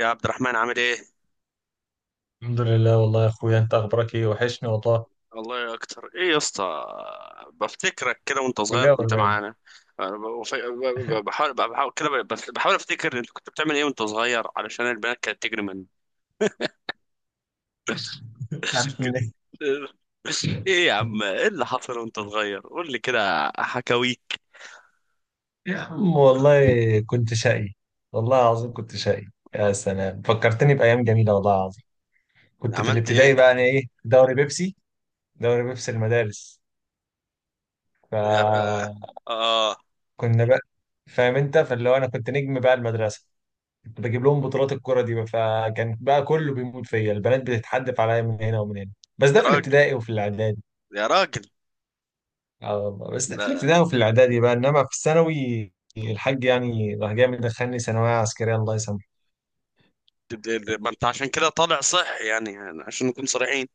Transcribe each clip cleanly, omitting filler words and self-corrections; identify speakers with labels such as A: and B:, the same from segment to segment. A: يا عبد الرحمن، عامل ايه؟
B: الحمد لله والله يا اخويا انت اخبارك ايه؟ وحشني والله.
A: والله يا اكتر ايه يا اسطى. بفتكرك كده وانت صغير
B: كلية ولا
A: كنت
B: نايم؟
A: معانا. أنا ب- بف- ب- ب- بحاول بحاول كده ب- بف- بحاول افتكر انت كنت بتعمل ايه وانت صغير، علشان البنات كانت تجري منك. ايه يا عم؟ ايه اللي حصل وانت صغير؟ قول لي كده حكاويك.
B: يا عم والله كنت شقي، والله العظيم كنت شقي. يا سلام فكرتني بايام جميله والله العظيم. كنت في
A: عملت
B: الابتدائي
A: ايه؟
B: بقى انا، ايه، دوري بيبسي، دوري بيبسي المدارس.
A: يا ر...
B: فكنا
A: اه.
B: بقى، فاهم انت، فاللي هو انا كنت نجم بقى المدرسه، كنت بجيب لهم بطولات الكره دي بقى، فكان بقى كله بيموت فيا، البنات بتتحدف عليا من هنا ومن هنا. بس ده
A: يا
B: في
A: راجل،
B: الابتدائي وفي الاعدادي.
A: يا راجل.
B: اه والله، بس ده في
A: لا،
B: الابتدائي وفي الاعدادي بقى، انما في الثانوي الحاج يعني راح جاي مدخلني ثانويه عسكريه، الله يسامحه.
A: ما انت عشان كده طالع صحي يعني. عشان نكون صريحين،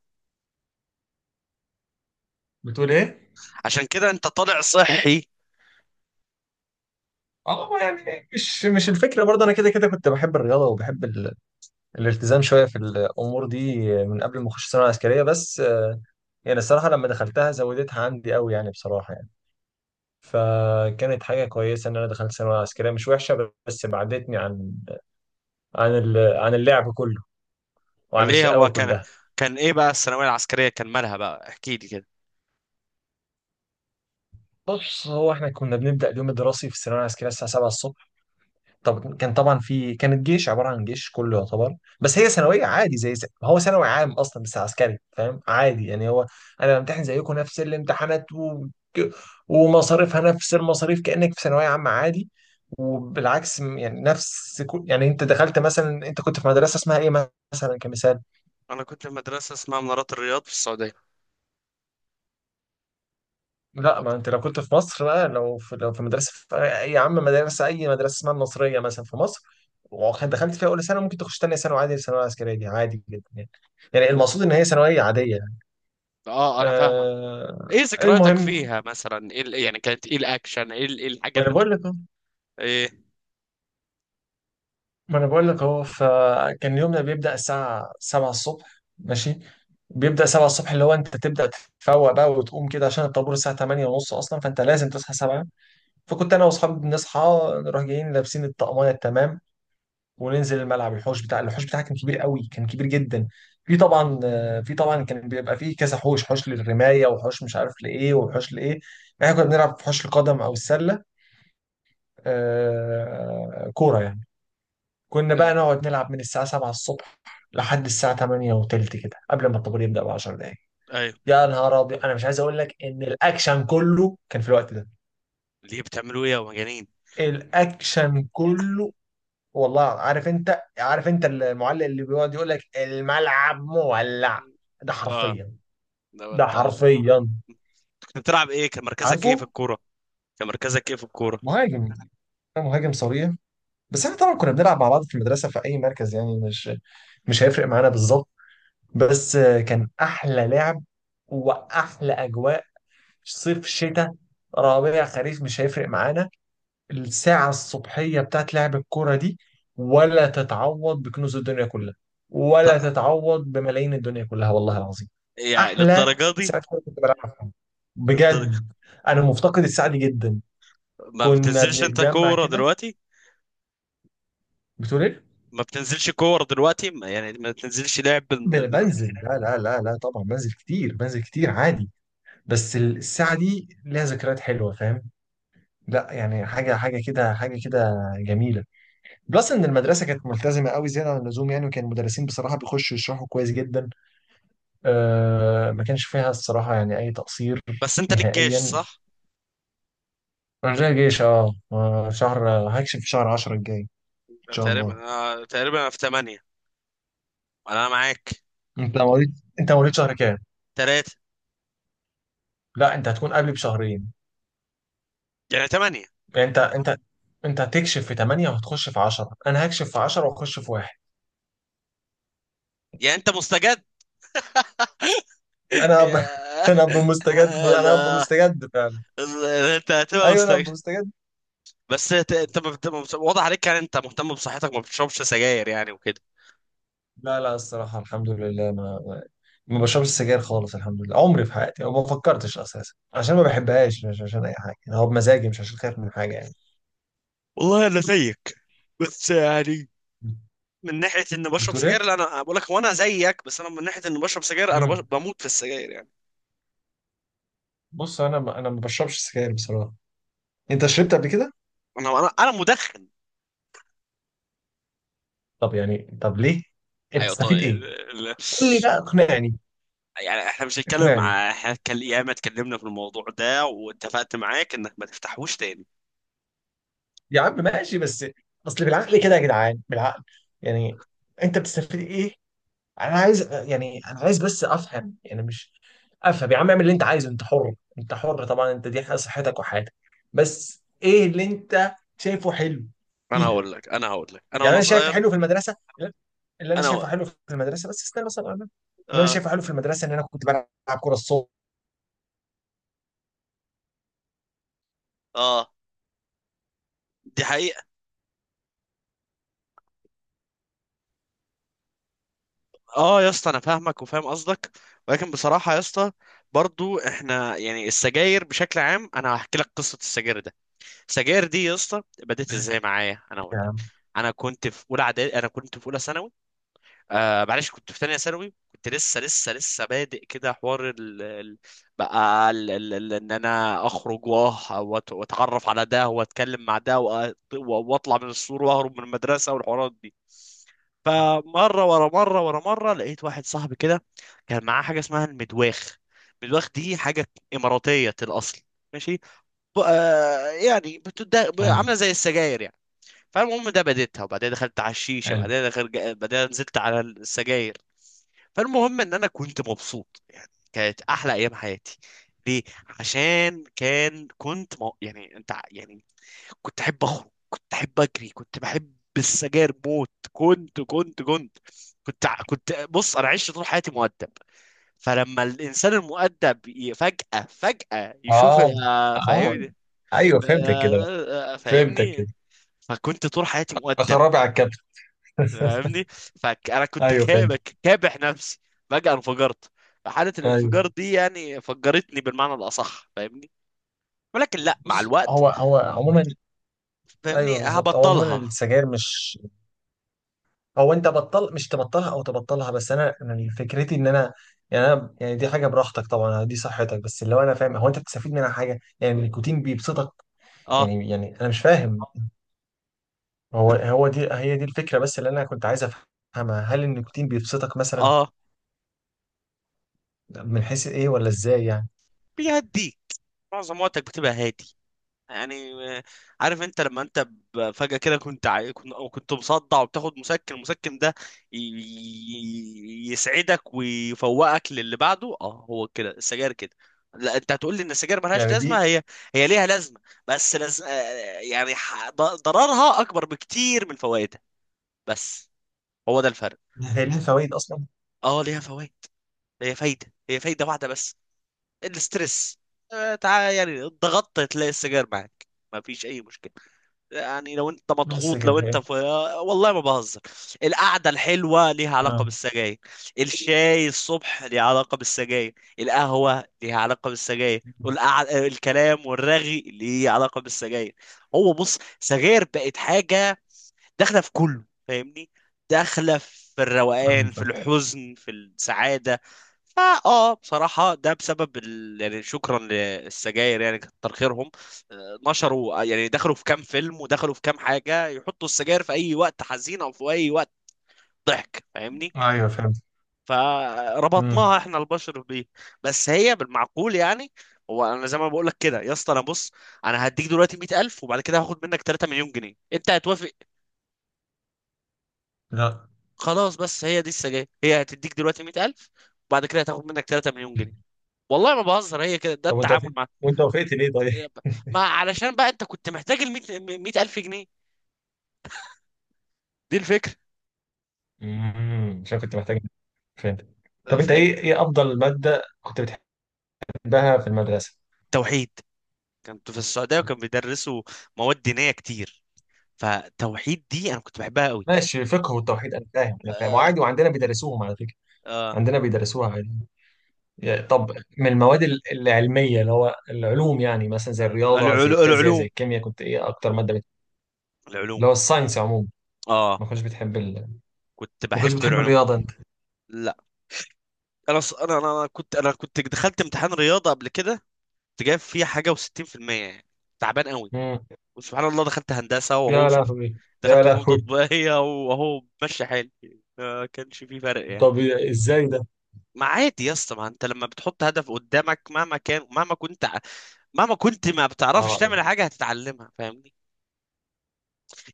B: بتقول ايه؟
A: عشان كده انت طالع صحي.
B: اه يعني مش الفكره، برضه انا كده كده كنت بحب الرياضه وبحب ال... الالتزام شويه في الامور دي من قبل ما اخش ثانويه عسكريه، بس يعني الصراحه لما دخلتها زودتها عندي قوي يعني بصراحه يعني. فكانت حاجه كويسه ان انا دخلت ثانويه عسكريه مش وحشه، بس بعدتني عن عن ال... عن اللعب كله وعن
A: ليه هو
B: الشقاوه
A: كان
B: كلها.
A: كان ايه بقى الثانويه العسكريه؟ كان مالها بقى؟ احكي لي كده.
B: بص، هو احنا كنا بنبدأ اليوم الدراسي في الثانوية العسكرية الساعة 7 الصبح. طب كان طبعا في، كانت جيش، عبارة عن جيش كله يعتبر، بس هي ثانوية عادي زي ما هو ثانوي عام أصلا، بس عسكري، فاهم؟ عادي يعني. هو أنا بمتحن زيكم نفس الامتحانات و... ومصاريفها نفس المصاريف كأنك في ثانوية عامة عادي. وبالعكس، يعني نفس كل... يعني أنت دخلت مثلا، أنت كنت في مدرسة اسمها إيه مثلا، كمثال.
A: انا كنت في مدرسه اسمها منارات الرياض في السعوديه.
B: لا ما انت لو كنت في مصر بقى، لو في مدرسه في اي، يا عم مدرسه، اي مدرسه اسمها النصريه مثلا في مصر، وكنت دخلت فيها اولى ثانوي، ممكن تخش ثانيه ثانوي عادي. الثانويه العسكريه دي عادي جدا يعني، يعني المقصود ان هي ثانويه عاديه يعني.
A: اه، انا فاهمك.
B: آه.
A: ايه ذكرياتك
B: المهم،
A: فيها مثلا؟ يعني كانت ايه الاكشن؟ ايه ال- إيه الحاجه
B: ما
A: اللي
B: انا
A: انتوا
B: بقول
A: كنت-
B: لك اهو
A: ايه.
B: ما انا بقول لك اهو، فكان يومنا بيبدا الساعه 7 الصبح ماشي، بيبدا 7 الصبح، اللي هو انت تبدا تتفوق بقى وتقوم كده عشان الطابور الساعه 8 ونص اصلا، فانت لازم تصحى 7. فكنت انا واصحابي بنصحى، نروح جايين لابسين الطقميه التمام، وننزل الملعب، الحوش بتاع، الحوش بتاعها كان كبير قوي، كان كبير جدا. في طبعا، في طبعا كان بيبقى فيه كذا حوش، حوش للرمايه، وحوش مش عارف لايه، وحوش لايه، يعني احنا كنا بنلعب في حوش القدم او السله، كوره يعني. كنا
A: آه.
B: بقى نقعد نلعب من الساعه 7 الصبح لحد الساعه 8 وتلت كده، قبل ما الطابور يبدا ب 10 دقائق.
A: ايوه.
B: يا نهار ابيض، انا مش عايز اقول لك ان الاكشن كله كان في الوقت ده،
A: ليه؟ بتعملوا ايه يا مجانين؟
B: الاكشن كله. والله عارف، انت عارف انت، المعلق اللي بيقعد يقول لك الملعب مولع؟ ده
A: اه.
B: حرفيا،
A: ده
B: ده
A: ده-
B: حرفيا.
A: كنت بتلعب ايه؟ كان مركزك ايه في
B: عارفه.
A: الكوره؟ كان مركزك ايه في الكوره؟
B: مهاجم، انا مهاجم صريح. بس احنا طبعا كنا بنلعب مع بعض في المدرسه في اي مركز، يعني مش هيفرق معانا بالظبط. بس كان احلى لعب واحلى اجواء. صيف، شتاء، ربيع، خريف، مش هيفرق معانا. الساعة الصبحية بتاعت لعب الكورة دي ولا تتعوض بكنوز الدنيا كلها،
A: ط-
B: ولا تتعوض بملايين الدنيا كلها والله العظيم.
A: يعني
B: أحلى
A: للدرجه
B: ساعة
A: دي؟
B: كورة كنت بلعبها في حياتي،
A: للدرجة.
B: بجد. أنا مفتقد الساعة دي جدا.
A: ما
B: كنا
A: بتنزلش انت
B: بنتجمع
A: كوره
B: كده.
A: دلوقتي؟
B: بتقول إيه؟
A: ما بتنزلش كوره دلوقتي؟ يعني ما بتنزلش لعب؟
B: بنزل، لا لا لا لا، طبعا بنزل كتير، بنزل كتير عادي. بس الساعة دي ليها ذكريات حلوة، فاهم؟ لا يعني حاجة كده، حاجة كده جميلة. بلس ان المدرسه كانت ملتزمه قوي، زياده عن اللزوم يعني، وكان المدرسين بصراحه بيخشوا يشرحوا كويس جدا، آه، ما كانش فيها الصراحه يعني اي تقصير
A: بس انت ليك جيش،
B: نهائيا.
A: صح؟
B: رجاء جيش، اه شهر، هكشف في شهر 10 الجاي ان شاء الله.
A: تقريبا، آه، تقريبا أنا في تمانية. انا معاك.
B: انت مواليد، انت مواليد شهر كام؟
A: تلاتة.
B: لا انت هتكون قبلي بشهرين،
A: يعني تمانية.
B: يعني انت، انت هتكشف في 8 وهتخش في 10، انا هكشف في 10 واخش في واحد.
A: يعني انت مستجد.
B: انا ب...
A: يا-
B: انا ابقى مستجد، انا ابقى
A: ده
B: مستجد فعلا.
A: انت هتبقى
B: ايوه انا
A: مستجد.
B: ابقى مستجد.
A: بس انت، أنت ما بت- ما بت- واضح عليك يعني، انت مهتم بصحتك، ما بتشربش سجاير يعني وكده.
B: لا لا، الصراحة الحمد لله، ما ما بشربش سجاير خالص، الحمد لله، عمري في حياتي أو ما فكرتش أساسا، عشان ما بحبهاش، مش عشان أي حاجة، أنا هو بمزاجي، مش عشان خايف من حاجة يعني.
A: والله انا زيك، بس يعني من ناحية اني بشرب
B: بتقول
A: سجاير.
B: إيه؟
A: لا، انا بقول لك، وانا زيك، بس انا من ناحية اني بشرب سجاير، انا
B: مم.
A: بموت في السجاير يعني.
B: بص، أنا ما، أنا ما بشربش سجاير بصراحة. أنت شربت قبل كده؟
A: انا مدخن.
B: طب يعني، طب ليه؟ أنت
A: ايوه،
B: تستفيد
A: طيب.
B: إيه؟ قول لي بقى اقنعني.
A: يعني احنا مش هنتكلم
B: اقنعني
A: ع- احنا هنتكلم، ياما اتكلمنا في الموضوع ده، واتفقت معاك انك ما تفتحوش تاني.
B: يا عم، ماشي، بس أصل بالعقل كده يا جدعان، بالعقل يعني. أنت بتستفيد إيه؟ انا عايز يعني، انا عايز بس افهم يعني، مش افهم يا عم، اعمل اللي انت عايزه، انت حر، انت حر طبعا، انت دي حاجة صحتك وحياتك، بس ايه اللي انت شايفه حلو
A: انا
B: فيها؟
A: هقول لك انا هقول لك انا
B: يعني
A: وانا
B: انا شايف
A: صغير.
B: حلو في المدرسه، اللي انا
A: انا
B: شايفه
A: هقول.
B: حلو في المدرسه، بس استنى مثلا، انا اللي انا
A: اه.
B: شايفه حلو في المدرسه ان انا كنت بلعب كوره الصبح.
A: اه، دي حقيقة. اه يا اسطى، انا فاهمك وفاهم قصدك، ولكن بصراحة يا اسطى، برضو احنا يعني السجاير بشكل عام، انا هحكي لك قصة السجاير ده. السجاير دي يا اسطى بدأت ازاي
B: ماشي
A: معايا؟ انا هقول
B: يا
A: لك.
B: عم.
A: انا كنت في اولى ثانوي، آه معلش، كنت في تانية ثانوي. كنت لسه بادئ كده حوار بقى ان انا اخرج، واتعرف على ده، واتكلم مع ده، واطلع من السور، واهرب من المدرسة، والحوارات دي. فمرة ورا مرة ورا مرة، لقيت واحد صاحبي كده كان معاه حاجة اسمها المدواخ. المدواخ دي حاجة إماراتية الأصل. ماشي. يعني
B: حلو،
A: عاملة زي السجاير يعني. فالمهم، ده بديتها، وبعدين دخلت على الشيشه،
B: حلو.
A: بعدين دخلت، بعدين نزلت على السجاير. فالمهم ان انا كنت مبسوط يعني، كانت احلى ايام حياتي. ليه؟ عشان كان، يعني انت، يعني كنت احب اخرج، كنت احب اجري، كنت بحب السجاير موت، كنت كنت بص، انا عشت طول حياتي مؤدب. فلما الانسان المؤدب فجأة يشوف.
B: اه،
A: آه،
B: اه،
A: فاهمني؟
B: ايوه
A: آه،
B: فهمتك كده بقى،
A: آه، آه،
B: فهمتك
A: فاهمني.
B: كده.
A: فكنت طول حياتي مؤدب،
B: اخربي على الكابتن.
A: فاهمني؟ فانا كنت
B: ايوه فهمتك.
A: كابح نفسي، فجأة انفجرت. فحالة
B: ايوه.
A: الانفجار دي يعني فجرتني بالمعنى الأصح، فاهمني. ولكن لا، مع
B: بص،
A: الوقت،
B: هو عموما، ايوه
A: فاهمني،
B: بالظبط، هو عموما
A: هبطلها.
B: السجاير مش، او انت بطل مش تبطلها او تبطلها، بس انا فكرتي ان انا، يعني انا يعني دي حاجه براحتك طبعا، دي صحتك، بس اللي هو انا فاهم هو انت بتستفيد منها حاجه؟ يعني النيكوتين بيبسطك
A: اه.
B: يعني، يعني انا مش فاهم. هو هو دي، هي دي الفكره، بس اللي انا كنت عايز افهمها، هل النيكوتين بيبسطك مثلا؟
A: اه.
B: من حيث ايه ولا ازاي يعني؟
A: بيهديك، معظم وقتك بتبقى هادي يعني. آه، عارف انت لما انت فجأة كده، كنت كنت مصدع، وبتاخد مسكن، المسكن ده يسعدك ويفوقك للي بعده. اه، هو كده السجاير كده. لا، انت هتقول لي ان السجاير ملهاش
B: يعني دي.
A: لازمه. هي، هي ليها لازمه، بس لز... آه، يعني ضررها اكبر بكتير من فوائدها. بس هو ده الفرق.
B: هي ليها فوائد اصلا؟
A: اه، ليها فوائد. هي فايده، هي فايده واحده بس، الاسترس. آه، تعال يعني، ضغطت، تلاقي السجاير معاك، مفيش اي مشكله. يعني لو انت
B: بس
A: مضغوط،
B: كده
A: لو انت
B: هي.
A: في، والله ما بهزر، القعده الحلوه ليها علاقه
B: اه،
A: بالسجاير، الشاي الصبح ليها علاقه بالسجاير، القهوه ليها علاقه بالسجاير، الكلام والرغي ليه علاقه بالسجاير. هو بص، سجاير بقت حاجه داخله في كله، فاهمني؟ داخله في
B: ايوه
A: الروقان، في
B: فاهم.
A: الحزن، في السعاده. فا اه، بصراحه ده بسبب يعني شكرا للسجاير، يعني كتر خيرهم. آه، نشروا، يعني دخلوا في كام فيلم، ودخلوا في كام حاجه، يحطوا السجاير في اي وقت حزين، او في اي وقت ضحك، فاهمني؟
B: ايوه فهمت.
A: فربطناها
B: امم.
A: احنا البشر بيه. بس هي بالمعقول يعني. هو انا زي ما بقول لك كده يا اسطى. انا بص، انا هديك دلوقتي 100,000، وبعد كده هاخد منك 3 مليون جنيه. انت هتوافق؟
B: لا.
A: خلاص. بس هي دي السجاير، هي هتديك دلوقتي 100,000، وبعد كده هتاخد منك 3 مليون جنيه. والله ما بهزر، هي كده، ده
B: طب وانت وافقت،
A: التعامل مع.
B: وانت وافقت ليه طيب؟
A: ما علشان بقى انت كنت محتاج ال 100 100,000 جنيه، دي الفكره،
B: امم، عشان كنت محتاج، فهمت. طب انت ايه،
A: فاهم؟
B: ايه افضل ماده كنت بتحبها في المدرسه؟
A: توحيد. كنت في السعوديه وكان بيدرسوا مواد دينيه كتير، فتوحيد دي انا كنت بحبها قوي.
B: ماشي، فقه والتوحيد، انا فاهم، انا فاهم،
A: آه
B: وعادي وعندنا بيدرسوهم على فكره،
A: آه
B: عندنا بيدرسوها عادي. يا- طب من المواد ال- العلميه، اللي هو العلوم، يعني مثلا زي الرياضه، زي الفيزياء، زي
A: العلوم،
B: الكيمياء، كنت ايه اكتر ماده بت... اللي
A: العلوم.
B: هو الساينس عموما.
A: اه،
B: ما كنتش بتحب ال...
A: كنت
B: ما كنتش
A: بحب
B: بتحب
A: العلوم.
B: الرياضه انت؟
A: لا. انا ص- انا انا أنا كنت انا كنت دخلت امتحان رياضه قبل كده، كنت جايب فيه حاجه و60% يعني، تعبان قوي.
B: امم.
A: وسبحان الله، دخلت هندسة وهو
B: يا
A: شوف،
B: لهوي. يا
A: دخلت فنون
B: لهوي.
A: تطبيقية وهو ماشي حالي، ما كانش في فرق يعني.
B: طب ازاي ده؟
A: ما عادي يا اسطى، ما انت لما بتحط هدف قدامك، مهما كان، مهما كنت ما بتعرفش
B: اه يعني،
A: تعمل حاجة، هتتعلمها، فاهمني؟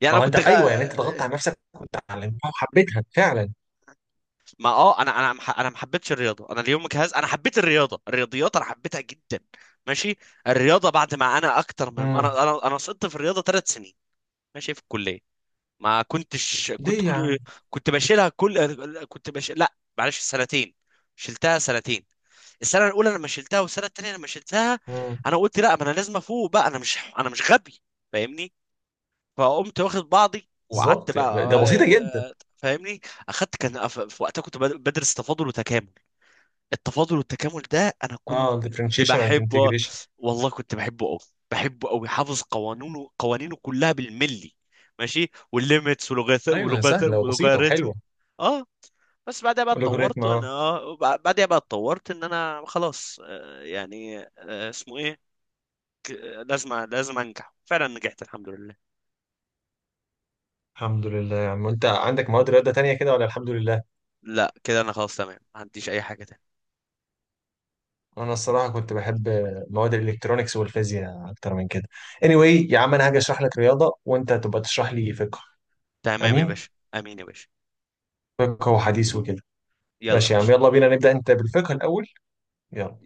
A: يعني
B: ما
A: انا
B: هو انت، ايوه يعني انت ضغطت على نفسك وتعلمتها وحبيتها فعلا.
A: ما اه انا ما حبيتش الرياضة. انا اليوم جهاز. انا حبيت الرياضة، الرياضيات انا حبيتها جدا. ماشي. الرياضة بعد ما انا اكتر من، انا سقطت في الرياضة ثلاث سنين، ماشي، في الكلية. ما كنتش كنت
B: ليه يا عم؟
A: كل كنت بشيلها كل كنت بش لا معلش سنتين، شلتها سنتين، السنه الاولى لما شلتها، والسنه التانيه لما شلتها.
B: مم،
A: انا قلت لا، ما انا لازم افوق بقى، انا مش، انا مش غبي، فاهمني؟ فقمت واخد بعضي وقعدت
B: بالظبط، يعني ده
A: بقى،
B: بسيطة جدا.
A: آه، فاهمني. اخدت، كان في وقتها كنت بدرس تفاضل وتكامل. التفاضل والتكامل ده انا كنت
B: اه differentiation and
A: بحبه،
B: integration.
A: والله كنت بحبه قوي، بحبه قوي، حافظ قوانينه، قوانينه كلها بالملي. ماشي، والليميتس ولغات
B: ايوه،
A: ولغات
B: سهلة وبسيطة
A: ولوغاريتم.
B: وحلوة.
A: اه. بس بعدها بقى
B: واللوجاريتم
A: اتطورت، وانا
B: اه.
A: اه، بعدها بقى اتطورت، ان انا خلاص، آه، يعني، آه، اسمه ايه، ك- لازم انجح، فعلا نجحت الحمد لله.
B: الحمد لله يا عم، انت عندك مواد رياضة تانية كده ولا الحمد لله؟
A: لا كده انا خلاص تمام، ما عنديش اي حاجة تانية.
B: انا الصراحة كنت بحب مواد الالكترونيكس والفيزياء اكتر من كده. anyway يا عم، انا هاجي اشرح لك رياضة وانت تبقى تشرح لي فقه.
A: تمام يا
B: امين.
A: باشا. امين يا باشا.
B: فقه وحديث وكده.
A: يلا يا
B: ماشي يا عم،
A: باشا.
B: يلا بينا نبدأ انت بالفقه الاول. يلا.